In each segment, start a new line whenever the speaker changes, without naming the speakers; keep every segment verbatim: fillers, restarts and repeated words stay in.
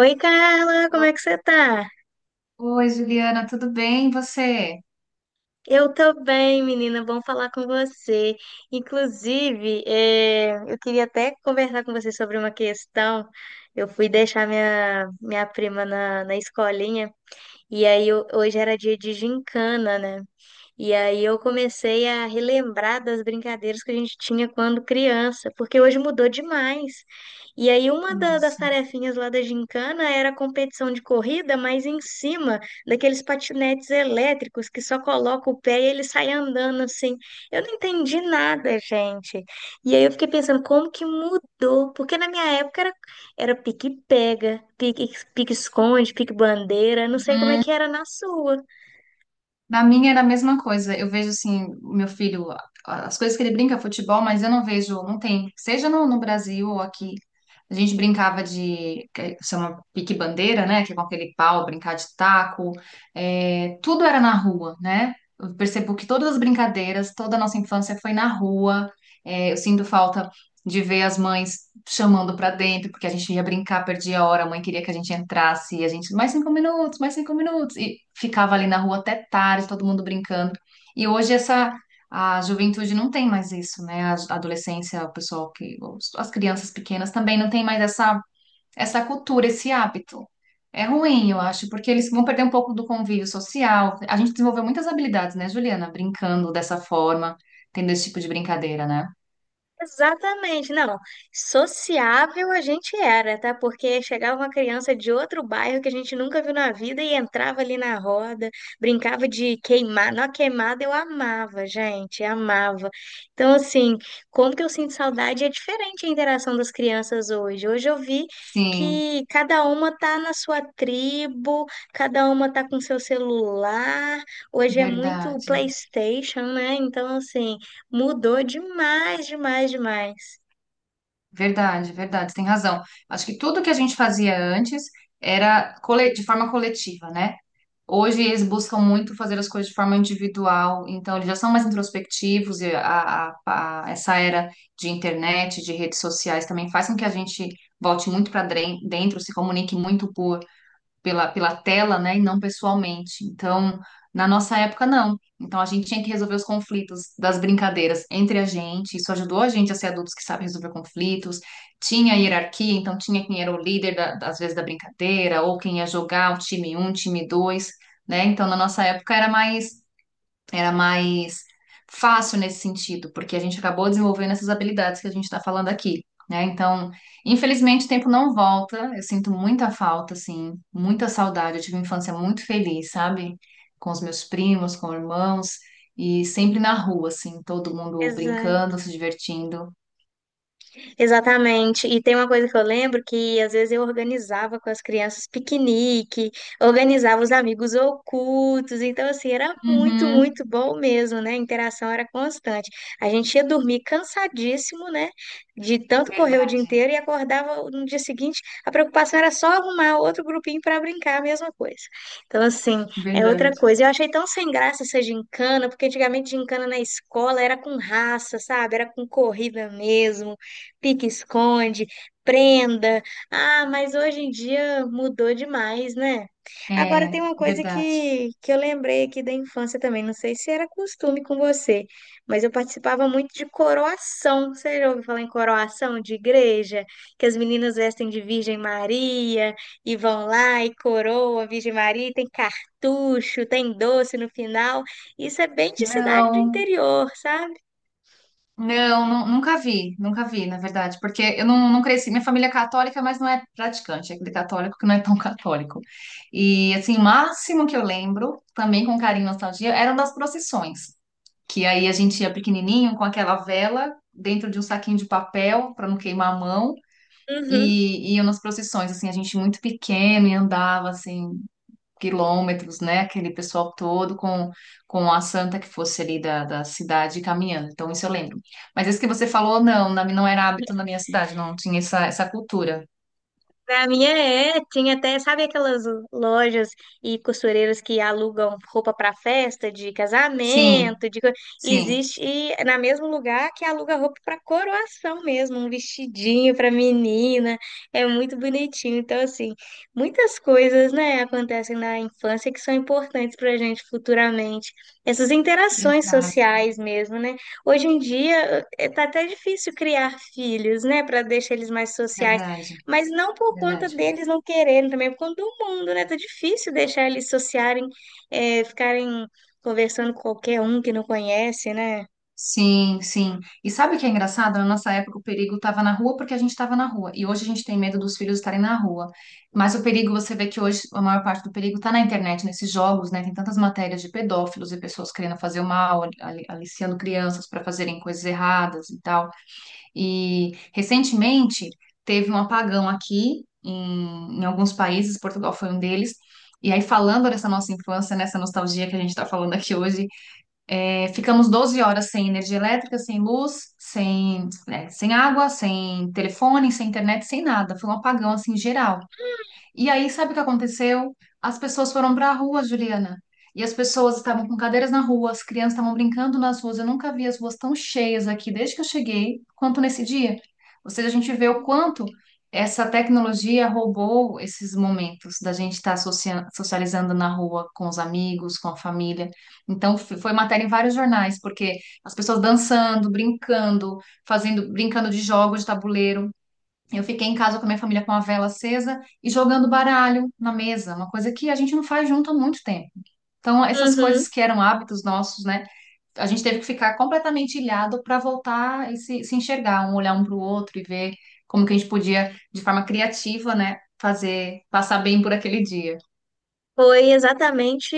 Oi, Carla, como é que você tá?
Oi, Juliana, tudo bem? E você?
Eu tô bem, menina, bom falar com você. Inclusive, eh, eu queria até conversar com você sobre uma questão. Eu fui deixar minha, minha prima na, na escolinha e aí eu- hoje era dia de gincana, né? E aí eu comecei a relembrar das brincadeiras que a gente tinha quando criança, porque hoje mudou demais. E aí uma da- das
Nossa.
tarefinhas lá da gincana era a competição de corrida, mas em cima daqueles patinetes elétricos que só coloca o pé e ele sai andando assim. Eu não entendi nada, gente. E aí eu fiquei pensando, como que mudou? Porque na minha época era, era pique-pega, pique- pique-esconde, pique-bandeira, não sei como é
Uhum.
que era na sua.
Na minha era a mesma coisa. Eu vejo assim, o meu filho, a- as coisas que ele brinca, futebol, mas eu não vejo, não tem. Seja no, no Brasil ou aqui, a gente brincava de, que chama pique-bandeira, né? Que é com aquele pau, brincar de taco. É, tudo era na rua, né? Eu percebo que todas as brincadeiras, toda a nossa infância foi na rua. É, eu sinto falta de ver as mães chamando pra dentro, porque a gente ia brincar, perdia a hora, a mãe queria que a gente entrasse, e a gente, mais cinco minutos, mais cinco minutos, e ficava ali na rua até tarde, todo mundo brincando. E hoje essa, a juventude não tem mais isso, né? A a adolescência, o pessoal que, os- as crianças pequenas também não tem mais essa, essa cultura, esse hábito. É ruim, eu acho, porque eles vão perder um pouco do convívio social. A gente desenvolveu muitas habilidades, né, Juliana? Brincando dessa forma, tendo esse tipo de brincadeira, né?
Exatamente, não. Sociável a gente era, tá? Porque chegava uma criança de outro bairro que a gente nunca viu na vida e entrava ali na roda, brincava de queimar. Na queimada eu amava, gente, amava. Então, assim, como que eu sinto saudade é diferente a interação das crianças hoje. Hoje eu vi
Sim.
que cada uma tá na sua tribo, cada uma tá com seu celular. Hoje é muito
Verdade,
PlayStation, né? Então, assim. Mudou demais, demais, demais.
verdade, verdade, você tem razão. Acho que tudo que a gente fazia antes era cole- de forma coletiva, né? Hoje eles buscam muito fazer as coisas de forma individual, então eles já são mais introspectivos e a, a- a- essa era de internet, de redes sociais também faz com que a gente volte muito para dentro, se comunique muito pela, pela tela, né, e não pessoalmente. Então, na nossa época, não. Então, a gente tinha que resolver os conflitos das brincadeiras entre a gente. Isso ajudou a gente a ser adultos que sabem resolver conflitos. Tinha hierarquia, então tinha quem era o líder, da, às vezes, da brincadeira, ou quem ia jogar o time um, time dois, né? Então, na nossa época, era mais era mais fácil nesse sentido, porque a gente acabou desenvolvendo essas habilidades que a gente está falando aqui, né? Então, infelizmente, o tempo não volta. Eu sinto muita falta, assim, muita saudade. Eu tive uma infância muito feliz, sabe? Com os meus primos, com irmãos, e sempre na rua, assim, todo mundo
Exato.
brincando, se divertindo.
Exatamente. E tem uma coisa que eu lembro que às vezes eu organizava com as crianças piquenique, organizava os amigos ocultos. Então, assim, era muito,
Uhum,
muito bom mesmo, né? A interação era constante. A gente ia dormir cansadíssimo, né? De tanto correr o dia
verdade,
inteiro e acordava no dia seguinte. A preocupação era só arrumar outro grupinho para brincar, a mesma coisa. Então, assim, é outra
verdade.
coisa. Eu achei tão sem graça essa gincana, porque antigamente gincana na escola era com raça, sabe? Era com corrida mesmo, pique-esconde, prenda. Ah, mas hoje em dia mudou demais, né? Agora tem
É,
uma coisa
verdade.
que, que eu lembrei aqui da infância também, não sei se era costume com você, mas eu participava muito de coroação. Você já ouviu falar em coroação de igreja? Que as meninas vestem de Virgem Maria e vão lá e coroa a Virgem Maria, e tem cartucho, tem doce no final. Isso é bem de cidade do
Não.
interior, sabe?
Não, nu- nunca vi, nunca vi, na verdade, porque eu não, não cresci. Minha família é católica, mas não é praticante, é aquele católico que não é tão católico. E, assim, o máximo que eu lembro, também com carinho e nostalgia, eram das procissões, que aí a gente ia pequenininho com aquela vela dentro de um saquinho de papel para não queimar a mão,
Uhum.
e iam nas procissões, assim, a gente muito pequeno e andava, assim, quilômetros, né? Aquele pessoal todo com, com a santa que fosse ali da, da cidade caminhando. Então, isso eu lembro. Mas isso que você falou, não, na- não era hábito na minha cidade, não tinha essa, essa cultura.
Pra minha é, é, tinha até, sabe aquelas lojas e costureiras que alugam roupa pra festa, de
Sim,
casamento, de co-
sim.
existe e é na mesmo lugar que aluga roupa pra coroação mesmo, um vestidinho pra menina, é muito bonitinho. Então, assim, muitas coisas, né, acontecem na infância que são importantes pra gente futuramente. Essas interações
Exato,
sociais mesmo, né? Hoje em dia eh, tá até difícil criar filhos, né, pra deixar eles mais sociais,
verdade,
mas não por conta
verdade.
deles não quererem também, por conta do mundo, né? Tá difícil deixar eles sociarem, é ficarem conversando com qualquer um que não conhece, né?
Sim, sim. E sabe o que é engraçado? Na nossa época, o perigo estava na rua porque a gente estava na rua. E hoje a gente tem medo dos filhos estarem na rua. Mas o perigo, você vê que hoje a maior parte do perigo está na internet, nesses jogos, né? Tem tantas matérias de pedófilos e pessoas querendo fazer o mal, ali- aliciando crianças para fazerem coisas erradas e tal. E recentemente teve um apagão aqui em, em alguns países, Portugal foi um deles. E aí, falando dessa nossa infância, nessa nostalgia que a gente está falando aqui hoje. É, ficamos doze horas sem energia elétrica, sem luz, sem, né, sem água, sem telefone, sem internet, sem nada. Foi um apagão assim geral. E aí, sabe o que aconteceu? As pessoas foram para a rua, Juliana. E as pessoas estavam com cadeiras na rua, as crianças estavam brincando nas ruas. Eu nunca vi as ruas tão cheias aqui desde que eu cheguei, quanto nesse dia. Ou seja, a gente vê o quanto essa tecnologia roubou esses momentos da gente estar socia- socializando na rua com os amigos, com a família. Então, f- foi matéria em vários jornais, porque as pessoas dançando, brincando, fazendo, brincando de jogos de tabuleiro. Eu fiquei em casa com a minha família com a vela acesa e jogando baralho na mesa, uma coisa que a gente não faz junto há muito tempo. Então, essas
Uhum.
coisas que eram hábitos nossos, né? A gente teve que ficar completamente ilhado para voltar e se, se enxergar, um olhar um para o outro e ver como que a gente podia, de forma criativa, né, fazer, passar bem por aquele dia.
Foi exatamente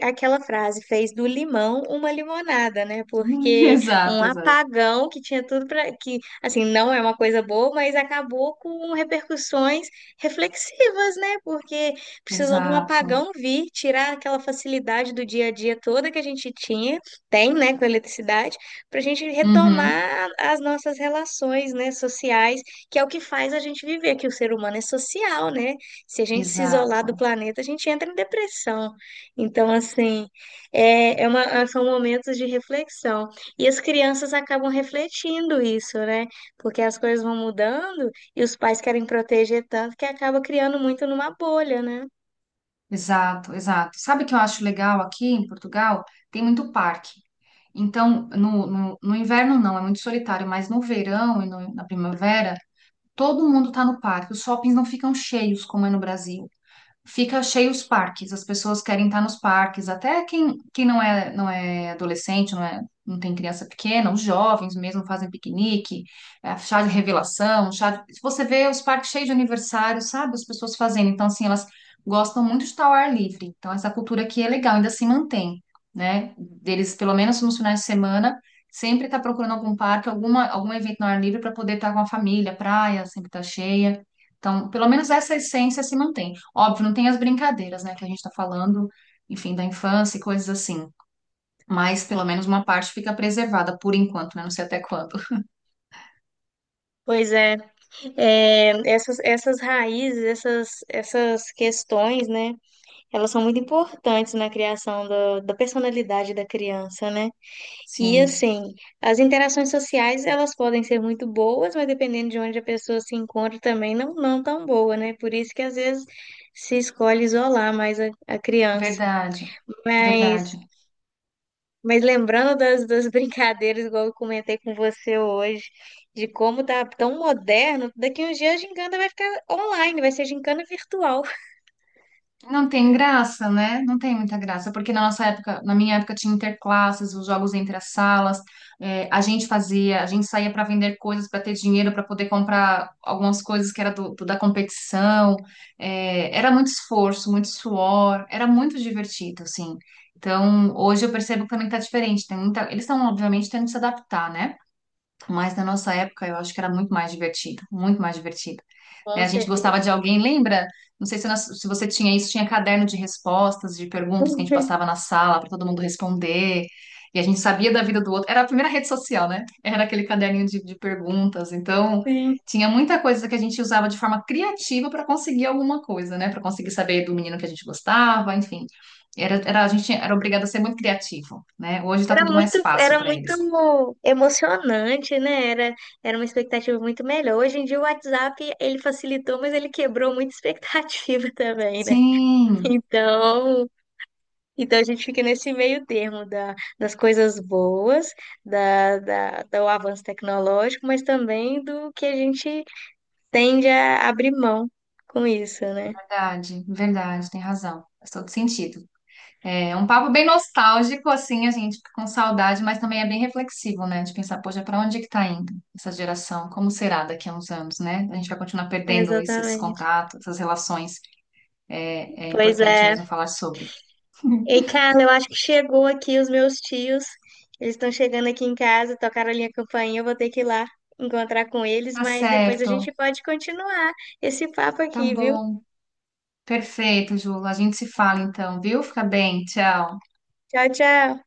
aquela frase, fez do limão uma limonada, né? Porque um
Exato, exato.
apagão que tinha tudo para que, assim, não é uma coisa boa, mas acabou com repercussões reflexivas, né? Porque precisou de um
Exato.
apagão vir, tirar aquela facilidade do dia a dia toda que a gente tinha, tem, né, com a eletricidade, para a gente
Uhum,
retomar as nossas relações, né, sociais, que é o que faz a gente viver, que o ser humano é social, né? Se a gente se isolar do
exato.
planeta, a gente entra em depressão. Então, assim, é, é uma- são momentos de reflexão. E as crianças acabam refletindo isso, né? Porque as coisas vão mudando e os pais querem proteger tanto que acaba criando muito numa bolha, né?
Exato, exato. Sabe o que eu acho legal aqui em Portugal? Tem muito parque. Então, no, no, no inverno não, é muito solitário, mas no verão e no- na primavera, todo mundo está no parque. Os shoppings não ficam cheios como é no Brasil. Fica cheio os parques, as pessoas querem estar nos parques, até quem, quem não é, não é adolescente, não é, não tem criança pequena, os jovens mesmo fazem piquenique, é, chá de revelação, chá de... Se você vê os parques cheios de aniversário, sabe? As pessoas fazendo, então assim, elas gostam muito de estar ao ar livre, então essa cultura aqui é legal, ainda se mantém, né? Deles, pelo menos nos finais de semana, sempre tá procurando algum parque, alguma, algum evento no ar livre para poder estar com a família, praia sempre tá cheia, então pelo menos essa essência se mantém. Óbvio, não tem as brincadeiras, né, que a gente está falando, enfim, da infância e coisas assim. Mas pelo menos uma parte fica preservada por enquanto, né? Não sei até quando.
Pois é, é, essas, essas raízes, essas, essas questões, né? Elas são muito importantes na criação do- da personalidade da criança, né? E
Sim,
assim, as interações sociais, elas podem ser muito boas, mas dependendo de onde a pessoa se encontra também não, não tão boa, né? Por isso que às vezes se escolhe isolar mais a, a criança.
verdade,
Mas,
verdade.
mas lembrando das, das brincadeiras, igual eu comentei com você hoje, de como tá tão moderno, daqui uns dias a gincana vai ficar online, vai ser gincana virtual.
Não tem graça, né? Não tem muita graça, porque na nossa época, na minha época, tinha interclasses, os jogos entre as salas, é, a gente fazia, a gente saía para vender coisas para ter dinheiro para poder comprar algumas coisas que era do, do- da competição. É, era muito esforço, muito suor, era muito divertido, assim. Então, hoje eu percebo que também tá diferente. Tem muita, eles estão, obviamente, tendo que se adaptar, né? Mas na nossa época eu acho que era muito mais divertido, muito mais divertido. Né?
Com
A gente gostava
certeza.
de alguém, lembra? Não sei se, nós- se você tinha isso, tinha caderno de respostas, de perguntas que a gente passava na sala para todo mundo responder. E a gente sabia da vida do outro. Era a primeira rede social, né? Era aquele caderninho de, de perguntas. Então,
Sim.
tinha muita coisa que a gente usava de forma criativa para conseguir alguma coisa, né? Para conseguir saber do menino que a gente gostava, enfim. Era, era, a gente era obrigado a ser muito criativo, né? Hoje está
Era
tudo mais
muito,
fácil
era
para eles.
muito emocionante, né? Era, era uma expectativa muito melhor. Hoje em dia o WhatsApp, ele facilitou, mas ele quebrou muita expectativa também, né?
Sim.
Então, então a gente fica nesse meio termo da, das coisas boas, da, da, do avanço tecnológico, mas também do que a gente tende a abrir mão com isso, né?
Verdade, verdade, tem razão. Faz todo sentido. É um papo bem nostálgico, assim, a gente fica com saudade, mas também é bem reflexivo, né? De pensar, poxa, para onde é que tá indo essa geração? Como será daqui a uns anos, né? A gente vai continuar perdendo isso, esses
Exatamente.
contatos, essas relações. É, é
Pois
importante
é.
mesmo falar sobre.
Ei, Carla, eu acho que chegou aqui os meus tios. Eles estão chegando aqui em casa, tocaram a minha campainha, eu vou ter que ir lá encontrar com eles,
Tá
mas depois a
certo,
gente pode continuar esse papo
tá
aqui, viu?
bom, perfeito, Ju. A gente se fala então, viu? Fica bem, tchau.
Tchau, tchau.